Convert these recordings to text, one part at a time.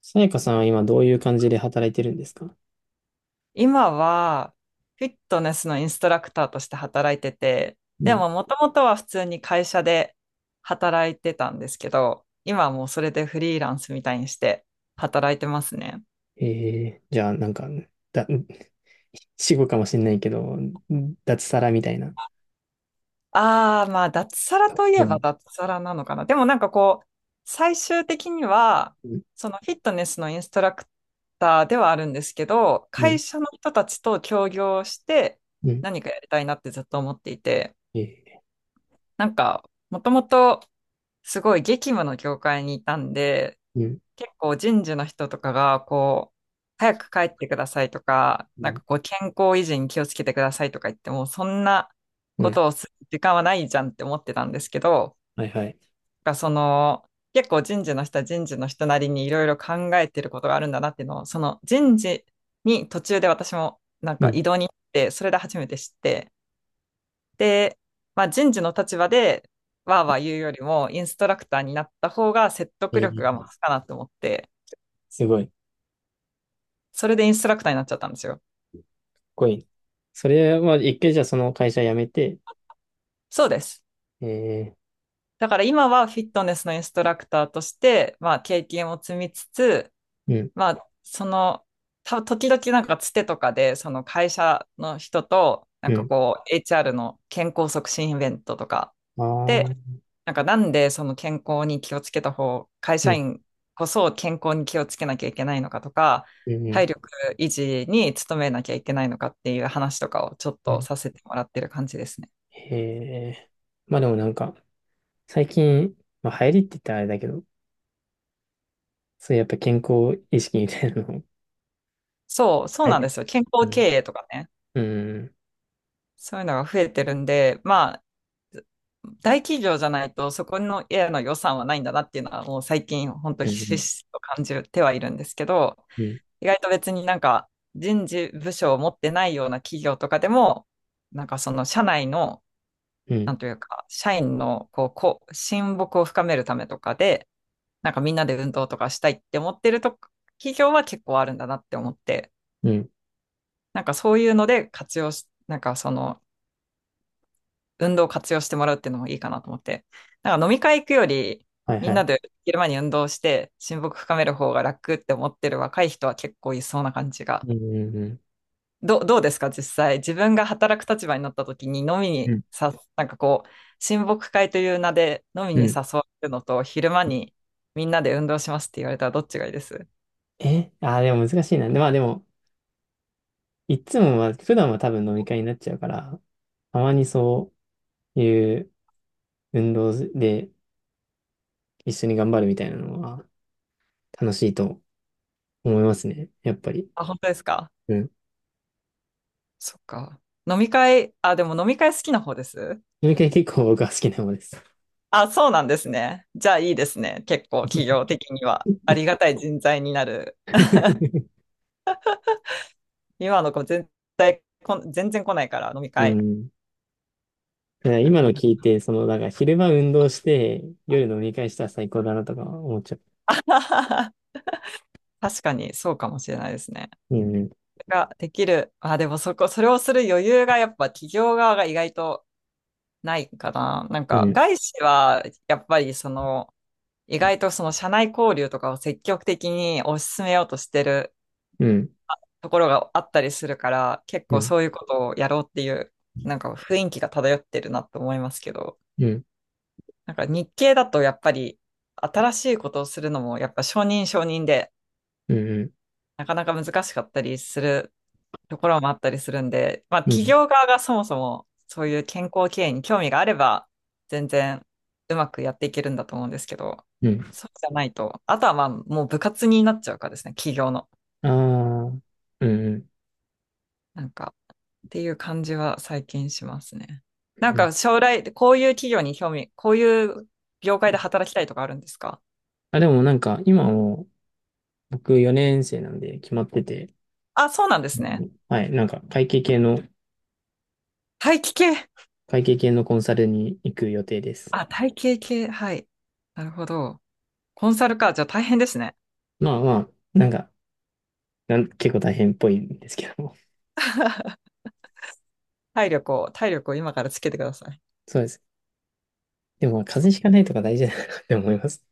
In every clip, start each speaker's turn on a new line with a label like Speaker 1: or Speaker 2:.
Speaker 1: さやかさんは今どういう感じで働いてるんですか？
Speaker 2: 今は、フィットネスのインストラクターとして働いてて、
Speaker 1: う
Speaker 2: で
Speaker 1: ん。
Speaker 2: も、もともとは普通に会社で働いてたんですけど、今はもうそれでフリーランスみたいにして働いてますね。
Speaker 1: ええ、じゃあなんか、だ、死後かもしれないけど、脱サラみたいな。
Speaker 2: ああ、まあ、脱サラとい
Speaker 1: じ
Speaker 2: え
Speaker 1: ゃな
Speaker 2: ば
Speaker 1: い。
Speaker 2: 脱サラなのかな。でもなんかこう、最終的には、
Speaker 1: うん、
Speaker 2: そのフィットネスのインストラクターではあるんですけど、
Speaker 1: う
Speaker 2: 会
Speaker 1: ん、
Speaker 2: 社の人たちと協業して
Speaker 1: うん、
Speaker 2: 何かやりたいなってずっと思っていて、
Speaker 1: ええ。
Speaker 2: なんか、もともと、すごい激務の業界にいたんで、
Speaker 1: うん、
Speaker 2: 結構人事の人とかが、こう、早く帰ってくださいとか、
Speaker 1: う
Speaker 2: なん
Speaker 1: ん、
Speaker 2: かこう、健康維持に気をつけてくださいとか言っても、そんな
Speaker 1: う
Speaker 2: こ
Speaker 1: ん。
Speaker 2: とをする時間はないじゃんって思ってたんですけど、
Speaker 1: はいはい。
Speaker 2: なんかその、結構人事の人は人事の人なりにいろいろ考えてることがあるんだなっていうのを、その人事に途中で私もなん
Speaker 1: う
Speaker 2: か
Speaker 1: ん、
Speaker 2: 異動に行って、それで初めて知って、で、まあ、人事の立場でわーわー言うよりも、インストラクターになった方が説得
Speaker 1: え
Speaker 2: 力が
Speaker 1: え、
Speaker 2: 増すかなと思って、
Speaker 1: すごい、かっ
Speaker 2: それでインストラクターになっちゃったんですよ。
Speaker 1: こいい。それは一回じゃあその会社辞めて、
Speaker 2: そうです。
Speaker 1: ええ。
Speaker 2: だから今はフィットネスのインストラクターとして、まあ、経験を積みつつ、
Speaker 1: うん、
Speaker 2: まあ、その、時々なんかつてとかで、その会社の人と、な
Speaker 1: う
Speaker 2: んか
Speaker 1: ん。
Speaker 2: こう、HR の健康促進イベントとか
Speaker 1: あ
Speaker 2: で、
Speaker 1: あ、
Speaker 2: なんかなんでその健康に気をつけた方、会
Speaker 1: う
Speaker 2: 社
Speaker 1: ん、
Speaker 2: 員こそ健康に気をつけなきゃいけないのかとか、
Speaker 1: うん、うん、
Speaker 2: 体力維持に努めなきゃいけないのかっていう話とかをちょっ
Speaker 1: う
Speaker 2: と
Speaker 1: ん。
Speaker 2: させてもらってる感じですね。
Speaker 1: へえ、まあでもなんか、最近、まあ流行りって言ったらあれだけど、そういうやっぱ健康意識みたいなの、
Speaker 2: そう、そう
Speaker 1: あえ
Speaker 2: なん
Speaker 1: て、
Speaker 2: ですよ。健
Speaker 1: う
Speaker 2: 康経
Speaker 1: ん、
Speaker 2: 営とかね。
Speaker 1: うん、
Speaker 2: そういうのが増えてるんで、まあ、大企業じゃないとそこの家の予算はないんだなっていうのはもう最近本当
Speaker 1: う
Speaker 2: ひしひ
Speaker 1: ん、
Speaker 2: しと感じてはいるんですけど、
Speaker 1: うん、
Speaker 2: 意外と別になんか人事部署を持ってないような企業とかでも、なんかその社内の、
Speaker 1: う
Speaker 2: な
Speaker 1: ん、
Speaker 2: んというか、社員のこう、こう、親睦を深めるためとかで、なんかみんなで運動とかしたいって思ってると、企業は結構あるんだなって思って、
Speaker 1: うん。
Speaker 2: なんかそういうので活用し、なんかその運動を活用してもらうっていうのもいいかなと思って、なんか飲み会行くより、
Speaker 1: はい
Speaker 2: み
Speaker 1: は
Speaker 2: んな
Speaker 1: い。
Speaker 2: で昼間に運動して親睦深める方が楽って思ってる若い人は結構いそうな感じが
Speaker 1: うん、うん、
Speaker 2: どうですか、実際。自分が働く立場になった時に飲み
Speaker 1: う
Speaker 2: に
Speaker 1: ん、
Speaker 2: さ、なんかこう、親睦会という名で飲み
Speaker 1: う
Speaker 2: に誘
Speaker 1: ん。
Speaker 2: われるのと、昼間にみんなで運動しますって言われたらどっちがいいです？
Speaker 1: え、でも難しいな。で、まあでも、いつもは、普段は多分飲み会になっちゃうから、たまにそういう運動で一緒に頑張るみたいなのは楽しいと思いますね。やっぱり。
Speaker 2: あ、本当ですか？
Speaker 1: うん。
Speaker 2: そっか。飲み会、あ、でも飲み会好きな方です？
Speaker 1: 飲み会結構僕は好きな方です。
Speaker 2: あ、そうなんですね。じゃあいいですね。結構企業的には。ありがたい人材になる。今の子全体こん、全然来ないから飲み
Speaker 1: う
Speaker 2: 会。
Speaker 1: ん。だから
Speaker 2: だ
Speaker 1: 今
Speaker 2: か
Speaker 1: の
Speaker 2: らな
Speaker 1: 聞いて、その、なんか昼間運動して、夜飲み会したら最高だなとか思っちゃ
Speaker 2: 確かにそうかもしれないですね。
Speaker 1: う。うん、
Speaker 2: ができる。あ、でもそこ、それをする余裕がやっぱ企業側が意外とないかな。なん
Speaker 1: う
Speaker 2: か
Speaker 1: ん、
Speaker 2: 外資はやっぱりその意外とその社内交流とかを積極的に推し進めようとしてる
Speaker 1: うん、うん、
Speaker 2: ところがあったりするから結
Speaker 1: う
Speaker 2: 構
Speaker 1: ん、
Speaker 2: そういうことをやろうっていうなんか雰囲気が漂ってるなと思いますけど、
Speaker 1: うん。
Speaker 2: なんか日系だとやっぱり新しいことをするのもやっぱ承認で
Speaker 1: うん、
Speaker 2: なかなか難しかったりするところもあったりするんで、まあ、
Speaker 1: うん、う
Speaker 2: 企
Speaker 1: ん、
Speaker 2: 業側がそもそもそういう健康経営に興味があれば、全然うまくやっていけるんだと思うんですけど、
Speaker 1: うん。
Speaker 2: そうじゃないと、あとはまあ、もう部活になっちゃうかですね、企業の。
Speaker 1: ああ、うん、うん。
Speaker 2: なんか、っていう感じは最近しますね。なん
Speaker 1: うん。
Speaker 2: か将来、こういう企業に興味、こういう業界で働きたいとかあるんですか？
Speaker 1: あ、でもなんか、今も、僕4年生なんで決まってて、
Speaker 2: あ、そうなんで
Speaker 1: う
Speaker 2: すね。
Speaker 1: ん、はい、なんか、会計系の、
Speaker 2: 大気系。
Speaker 1: 会計系のコンサルに行く予定です。
Speaker 2: あ、体系系。はい。なるほど。コンサルか。じゃあ大変ですね。
Speaker 1: まあまあ、なんか、結構大変っぽいんですけども。
Speaker 2: 体力を、体力を今からつけてください。
Speaker 1: そうです。でも、まあ風邪ひかないとか大事だなって思います。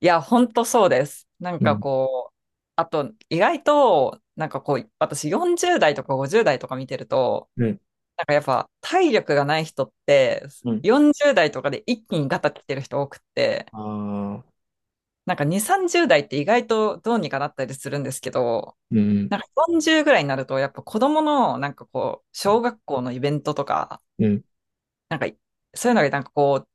Speaker 2: いや、本当そうです。なん
Speaker 1: う
Speaker 2: か
Speaker 1: ん、
Speaker 2: こう、あと、意外と、なんかこう、私40代とか50代とか見てると、
Speaker 1: うん、
Speaker 2: なんかやっぱ体力がない人って、
Speaker 1: うん。
Speaker 2: 40代とかで一気にガタ来てる人多くって、
Speaker 1: ああ、
Speaker 2: なんか2、30代って意外とどうにかなったりするんですけど、
Speaker 1: うん、
Speaker 2: なんか40ぐらいになると、やっぱ子供の、なんかこう、小学校のイベントとか、
Speaker 1: うん、
Speaker 2: なんか、そういうのがなんかこう、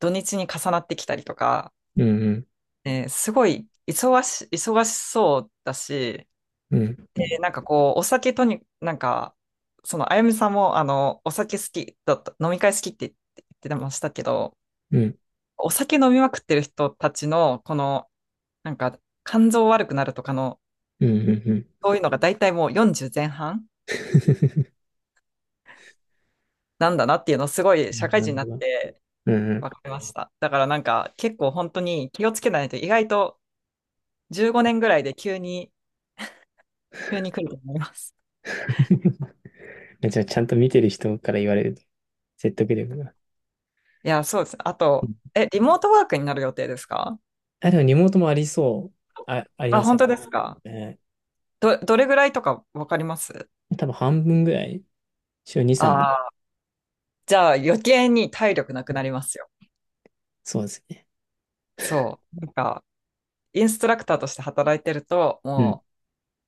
Speaker 2: 土日に重なってきたりとか、
Speaker 1: うん、うん、
Speaker 2: すごい忙し、忙しそうだし、
Speaker 1: うん、
Speaker 2: でなんかこう、お酒とに、なんか、その、あゆみさんも、あの、お酒好きだった、飲み会好きって言ってましたけど、
Speaker 1: うん、うん、
Speaker 2: お酒飲みまくってる人たちの、この、なんか、肝臓悪くなるとかの、
Speaker 1: うん。うん。
Speaker 2: そういうのが大体もう40前半 なんだなっていうのをすごい社会
Speaker 1: な
Speaker 2: 人に
Speaker 1: る
Speaker 2: な
Speaker 1: ほ
Speaker 2: っ
Speaker 1: ど。
Speaker 2: て
Speaker 1: うん、うん。
Speaker 2: 分かりました。だからなんか、結構本当に気をつけないと、意外と15年ぐらいで急に、急に来ると思います。
Speaker 1: じゃあ、ちゃんと見てる人から言われると、説得力が。
Speaker 2: いや、そうです。あ
Speaker 1: う
Speaker 2: と、
Speaker 1: ん。
Speaker 2: え、リモートワークになる予定ですか？
Speaker 1: あ、でもリモートもありそう。あ、あり
Speaker 2: あ、
Speaker 1: ます
Speaker 2: 本
Speaker 1: ね。
Speaker 2: 当ですか？
Speaker 1: えー、
Speaker 2: ど、どれぐらいとかわかります？
Speaker 1: 多分半分ぐらい、週二三、
Speaker 2: ああー、じゃあ余計に体力なくなりますよ。
Speaker 1: そうですね。
Speaker 2: そう。なんか、インストラクターとして働いてると、
Speaker 1: うん、
Speaker 2: も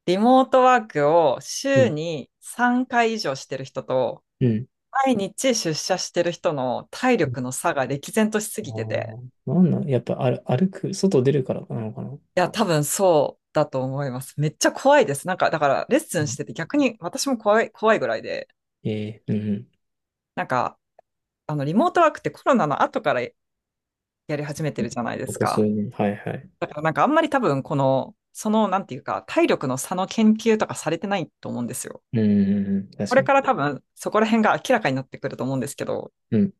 Speaker 2: う、リモートワークを
Speaker 1: う
Speaker 2: 週
Speaker 1: ん、
Speaker 2: に3回以上してる人と、
Speaker 1: うん。
Speaker 2: 毎日出社してる人の体
Speaker 1: うん。
Speaker 2: 力の差が歴然としす
Speaker 1: あ
Speaker 2: ぎてて、
Speaker 1: あ、なんなんやっぱ、ある、歩く、外出るからなのかな。
Speaker 2: いや、多分そうだと思います。めっちゃ怖いです。なんか、だから、レッス
Speaker 1: う
Speaker 2: ンし
Speaker 1: ん、
Speaker 2: てて逆に私も怖い、怖いぐらいで、
Speaker 1: えー、うん、うん。
Speaker 2: なんか、あの、リモートワークってコロナの後からやり始めてるじゃないで
Speaker 1: こ
Speaker 2: す
Speaker 1: こ数
Speaker 2: か。
Speaker 1: 年。はい、はい。
Speaker 2: だからなんかあんまり多分この、そのなんていうか、体力の差の研究とかされてないと思うんですよ。
Speaker 1: うん、うん、うん、
Speaker 2: こ
Speaker 1: 確か
Speaker 2: れか
Speaker 1: に。
Speaker 2: ら多分そこら辺が明らかになってくると思うんですけど、
Speaker 1: うん、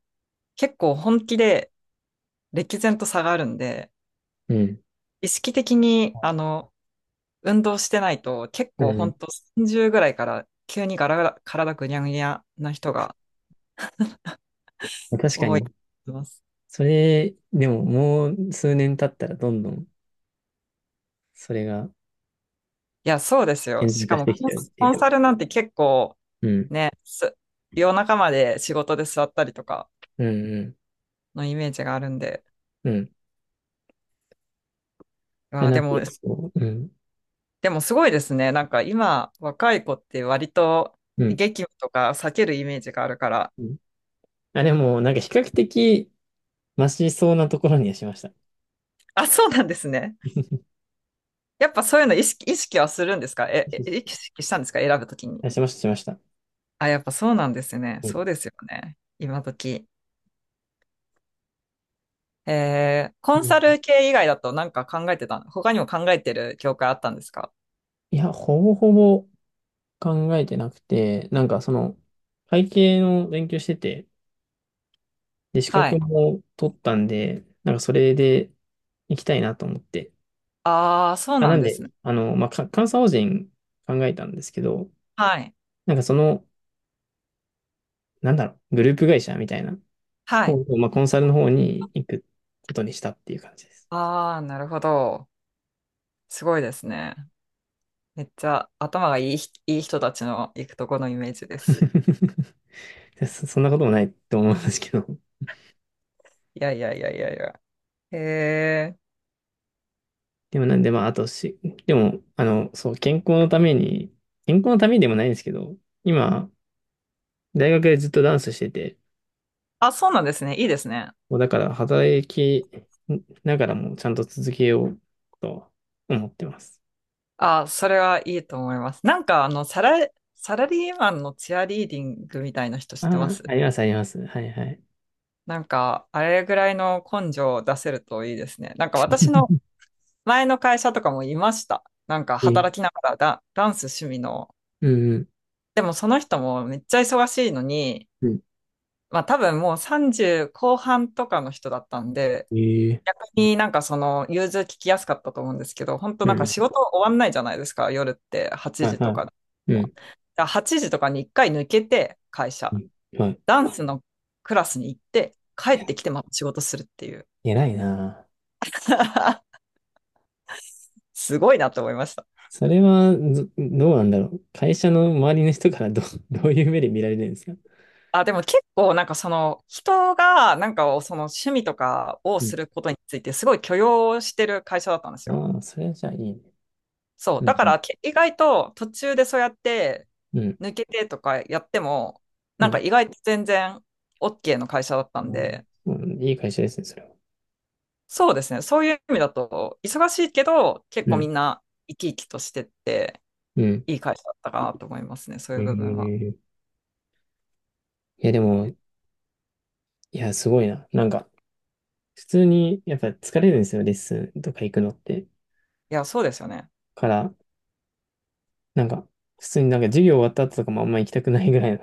Speaker 2: 結構本気で歴然と差があるんで、
Speaker 1: うん、
Speaker 2: 意識的にあの、運動してないと結
Speaker 1: う
Speaker 2: 構
Speaker 1: ん。
Speaker 2: 本当30ぐらいから急にガラガラ、体ぐにゃぐにゃな人が
Speaker 1: 確か
Speaker 2: 多い
Speaker 1: に。
Speaker 2: と思います。
Speaker 1: それ、でももう数年経ったらどんどんそれが
Speaker 2: いや、そうですよ。
Speaker 1: 顕在
Speaker 2: し
Speaker 1: 化
Speaker 2: か
Speaker 1: し
Speaker 2: も
Speaker 1: てき
Speaker 2: コン
Speaker 1: ちゃうってい
Speaker 2: コ
Speaker 1: う
Speaker 2: ン
Speaker 1: か。
Speaker 2: サルなんて結構
Speaker 1: うん、
Speaker 2: ね、夜中まで仕事で座ったりとか
Speaker 1: うん、
Speaker 2: のイメージがあるんで、
Speaker 1: うん。うん。いや、
Speaker 2: あー、
Speaker 1: なん
Speaker 2: で
Speaker 1: で、
Speaker 2: も、
Speaker 1: そう、うん、
Speaker 2: でもすごいですね。なんか今、若い子って割と
Speaker 1: うん、
Speaker 2: 激務とか避けるイメージがあるから。
Speaker 1: うん。あ、でも、なんか比較的、マシそうなところにはしました。
Speaker 2: あ、そうなんですね。やっぱそういうの意識、意識はするんですか？え、え意 識したんですか？選ぶときに。
Speaker 1: あ、しました、しました。
Speaker 2: あ、やっぱそうなんですね。
Speaker 1: うん。
Speaker 2: そうですよね。今時。えー、コン
Speaker 1: う
Speaker 2: サ
Speaker 1: ん。
Speaker 2: ル系以外だとなんか考えてた、他にも考えてる業界あったんですか？
Speaker 1: いや、ほぼほぼ考えてなくて、なんかその、会計の勉強してて、で、資
Speaker 2: は
Speaker 1: 格
Speaker 2: い。
Speaker 1: も取ったんで、なんかそれで行きたいなと思って。
Speaker 2: ああ、そう
Speaker 1: あ、
Speaker 2: な
Speaker 1: な
Speaker 2: ん
Speaker 1: ん
Speaker 2: ですね。
Speaker 1: で、あの、まあ、監査法人考えたんですけど、
Speaker 2: はい。
Speaker 1: なんかその、なんだろう、グループ会社みたいな
Speaker 2: はい。
Speaker 1: を、まあ、コンサルの方に行くことにしたっていう感じです。
Speaker 2: ああ、なるほど。すごいですね。めっちゃ頭がいい人たちの行くとこのイメージです。
Speaker 1: そんなこともないと思うんですけど。
Speaker 2: いやいやいやいやいや。へえ。
Speaker 1: でもなんで、まあ、あとし、でも、あの、そう、健康のために、健康のためにでもないんですけど、今、大学でずっとダンスしてて、
Speaker 2: あ、そうなんですね。いいですね。
Speaker 1: もうだから働きながらもちゃんと続けようと思ってます。
Speaker 2: あ、それはいいと思います。なんか、あの、サラリーマンのチアリーディングみたいな人知
Speaker 1: あ
Speaker 2: ってま
Speaker 1: あ、
Speaker 2: す？
Speaker 1: あります、あります。はい、はい。
Speaker 2: なんか、あれぐらいの根性を出せるといいですね。なんか、私の前の会社とかもいました。なんか、
Speaker 1: えー、
Speaker 2: 働きながらダンス趣味の。
Speaker 1: うん、うん。
Speaker 2: でも、その人もめっちゃ忙しいのに、
Speaker 1: うん、
Speaker 2: まあ、多分もう30後半とかの人だったんで、
Speaker 1: えー、
Speaker 2: 逆になんかその融通聞きやすかったと思うんですけど、本当
Speaker 1: う
Speaker 2: なんか仕
Speaker 1: ん。
Speaker 2: 事終わんないじゃないですか、夜って8
Speaker 1: はい、
Speaker 2: 時と
Speaker 1: は
Speaker 2: かで
Speaker 1: い。う
Speaker 2: も。だ
Speaker 1: ん。
Speaker 2: から8時とかに1回抜けて会
Speaker 1: う
Speaker 2: 社、
Speaker 1: ん。はい。
Speaker 2: ダンスのクラスに行って帰
Speaker 1: い
Speaker 2: っ
Speaker 1: や、
Speaker 2: てきてまた仕事するっていう。
Speaker 1: 偉いな。
Speaker 2: すごいなと思いました。
Speaker 1: それはず、どうなんだろう。会社の周りの人からどう、どういう目で見られるんですか？
Speaker 2: あ、でも結構なんかその人がなんかその趣味とかを
Speaker 1: うん。
Speaker 2: することについてすごい許容してる会社だったんですよ。
Speaker 1: ああ、それはじゃあいいね。
Speaker 2: そう。
Speaker 1: う
Speaker 2: だか
Speaker 1: ん、
Speaker 2: ら、意外と途中でそうやって
Speaker 1: うん、
Speaker 2: 抜けてとかやっても、
Speaker 1: う
Speaker 2: なんか
Speaker 1: ん。
Speaker 2: 意外と全然 OK の会社だったん
Speaker 1: うん、
Speaker 2: で、
Speaker 1: うん、いい会社ですね、それは。
Speaker 2: そうですね。そういう意味だと、忙しいけど、結
Speaker 1: う
Speaker 2: 構み
Speaker 1: ん、
Speaker 2: んな生き生きとしてって、
Speaker 1: うん。
Speaker 2: いい会社だったかなと思いますね。そうい
Speaker 1: え
Speaker 2: う部分は。
Speaker 1: ー、いや、でも、いや、すごいな。なんか、普通に、やっぱ疲れるんですよ、レッスンとか行くのって。
Speaker 2: いや、そうですよね。
Speaker 1: から、なんか、普通になんか授業終わった後とかもあんま行きたくないぐらいの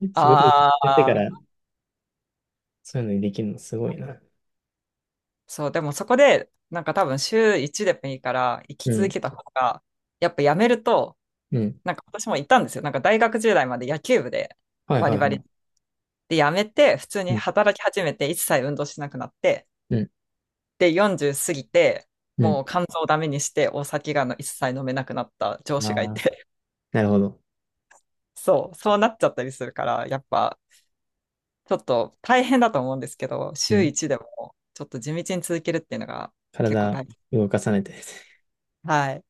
Speaker 1: 仕事
Speaker 2: あ
Speaker 1: やってか
Speaker 2: あ、
Speaker 1: ら、そういうのにできるのすごいな。
Speaker 2: そう。でもそこで、なんか多分週1でもいいから、生き
Speaker 1: う
Speaker 2: 続
Speaker 1: ん、
Speaker 2: けた方が、やっぱやめると、
Speaker 1: うん。
Speaker 2: なんか私もいたんですよ。なんか大学時代まで野球部で
Speaker 1: はい
Speaker 2: バ
Speaker 1: は
Speaker 2: リ
Speaker 1: いは
Speaker 2: バリ
Speaker 1: い。
Speaker 2: で、辞めて、普通
Speaker 1: う
Speaker 2: に
Speaker 1: ん、
Speaker 2: 働き始めて、一切運動しなくなって、
Speaker 1: うん、
Speaker 2: で、40過ぎて、
Speaker 1: う
Speaker 2: もう肝臓をダメにして、お酒がの一切飲めなくなった上
Speaker 1: ん。あ
Speaker 2: 司がい
Speaker 1: あ。
Speaker 2: て、
Speaker 1: なるほど。
Speaker 2: そう、そうなっちゃったりするから、やっぱ、ちょっと大変だと思うんですけど、
Speaker 1: う
Speaker 2: 週
Speaker 1: ん。
Speaker 2: 1でも、ちょっと地道に続けるっていうのが結構
Speaker 1: 体
Speaker 2: 大変。
Speaker 1: 動かさないと。
Speaker 2: はい。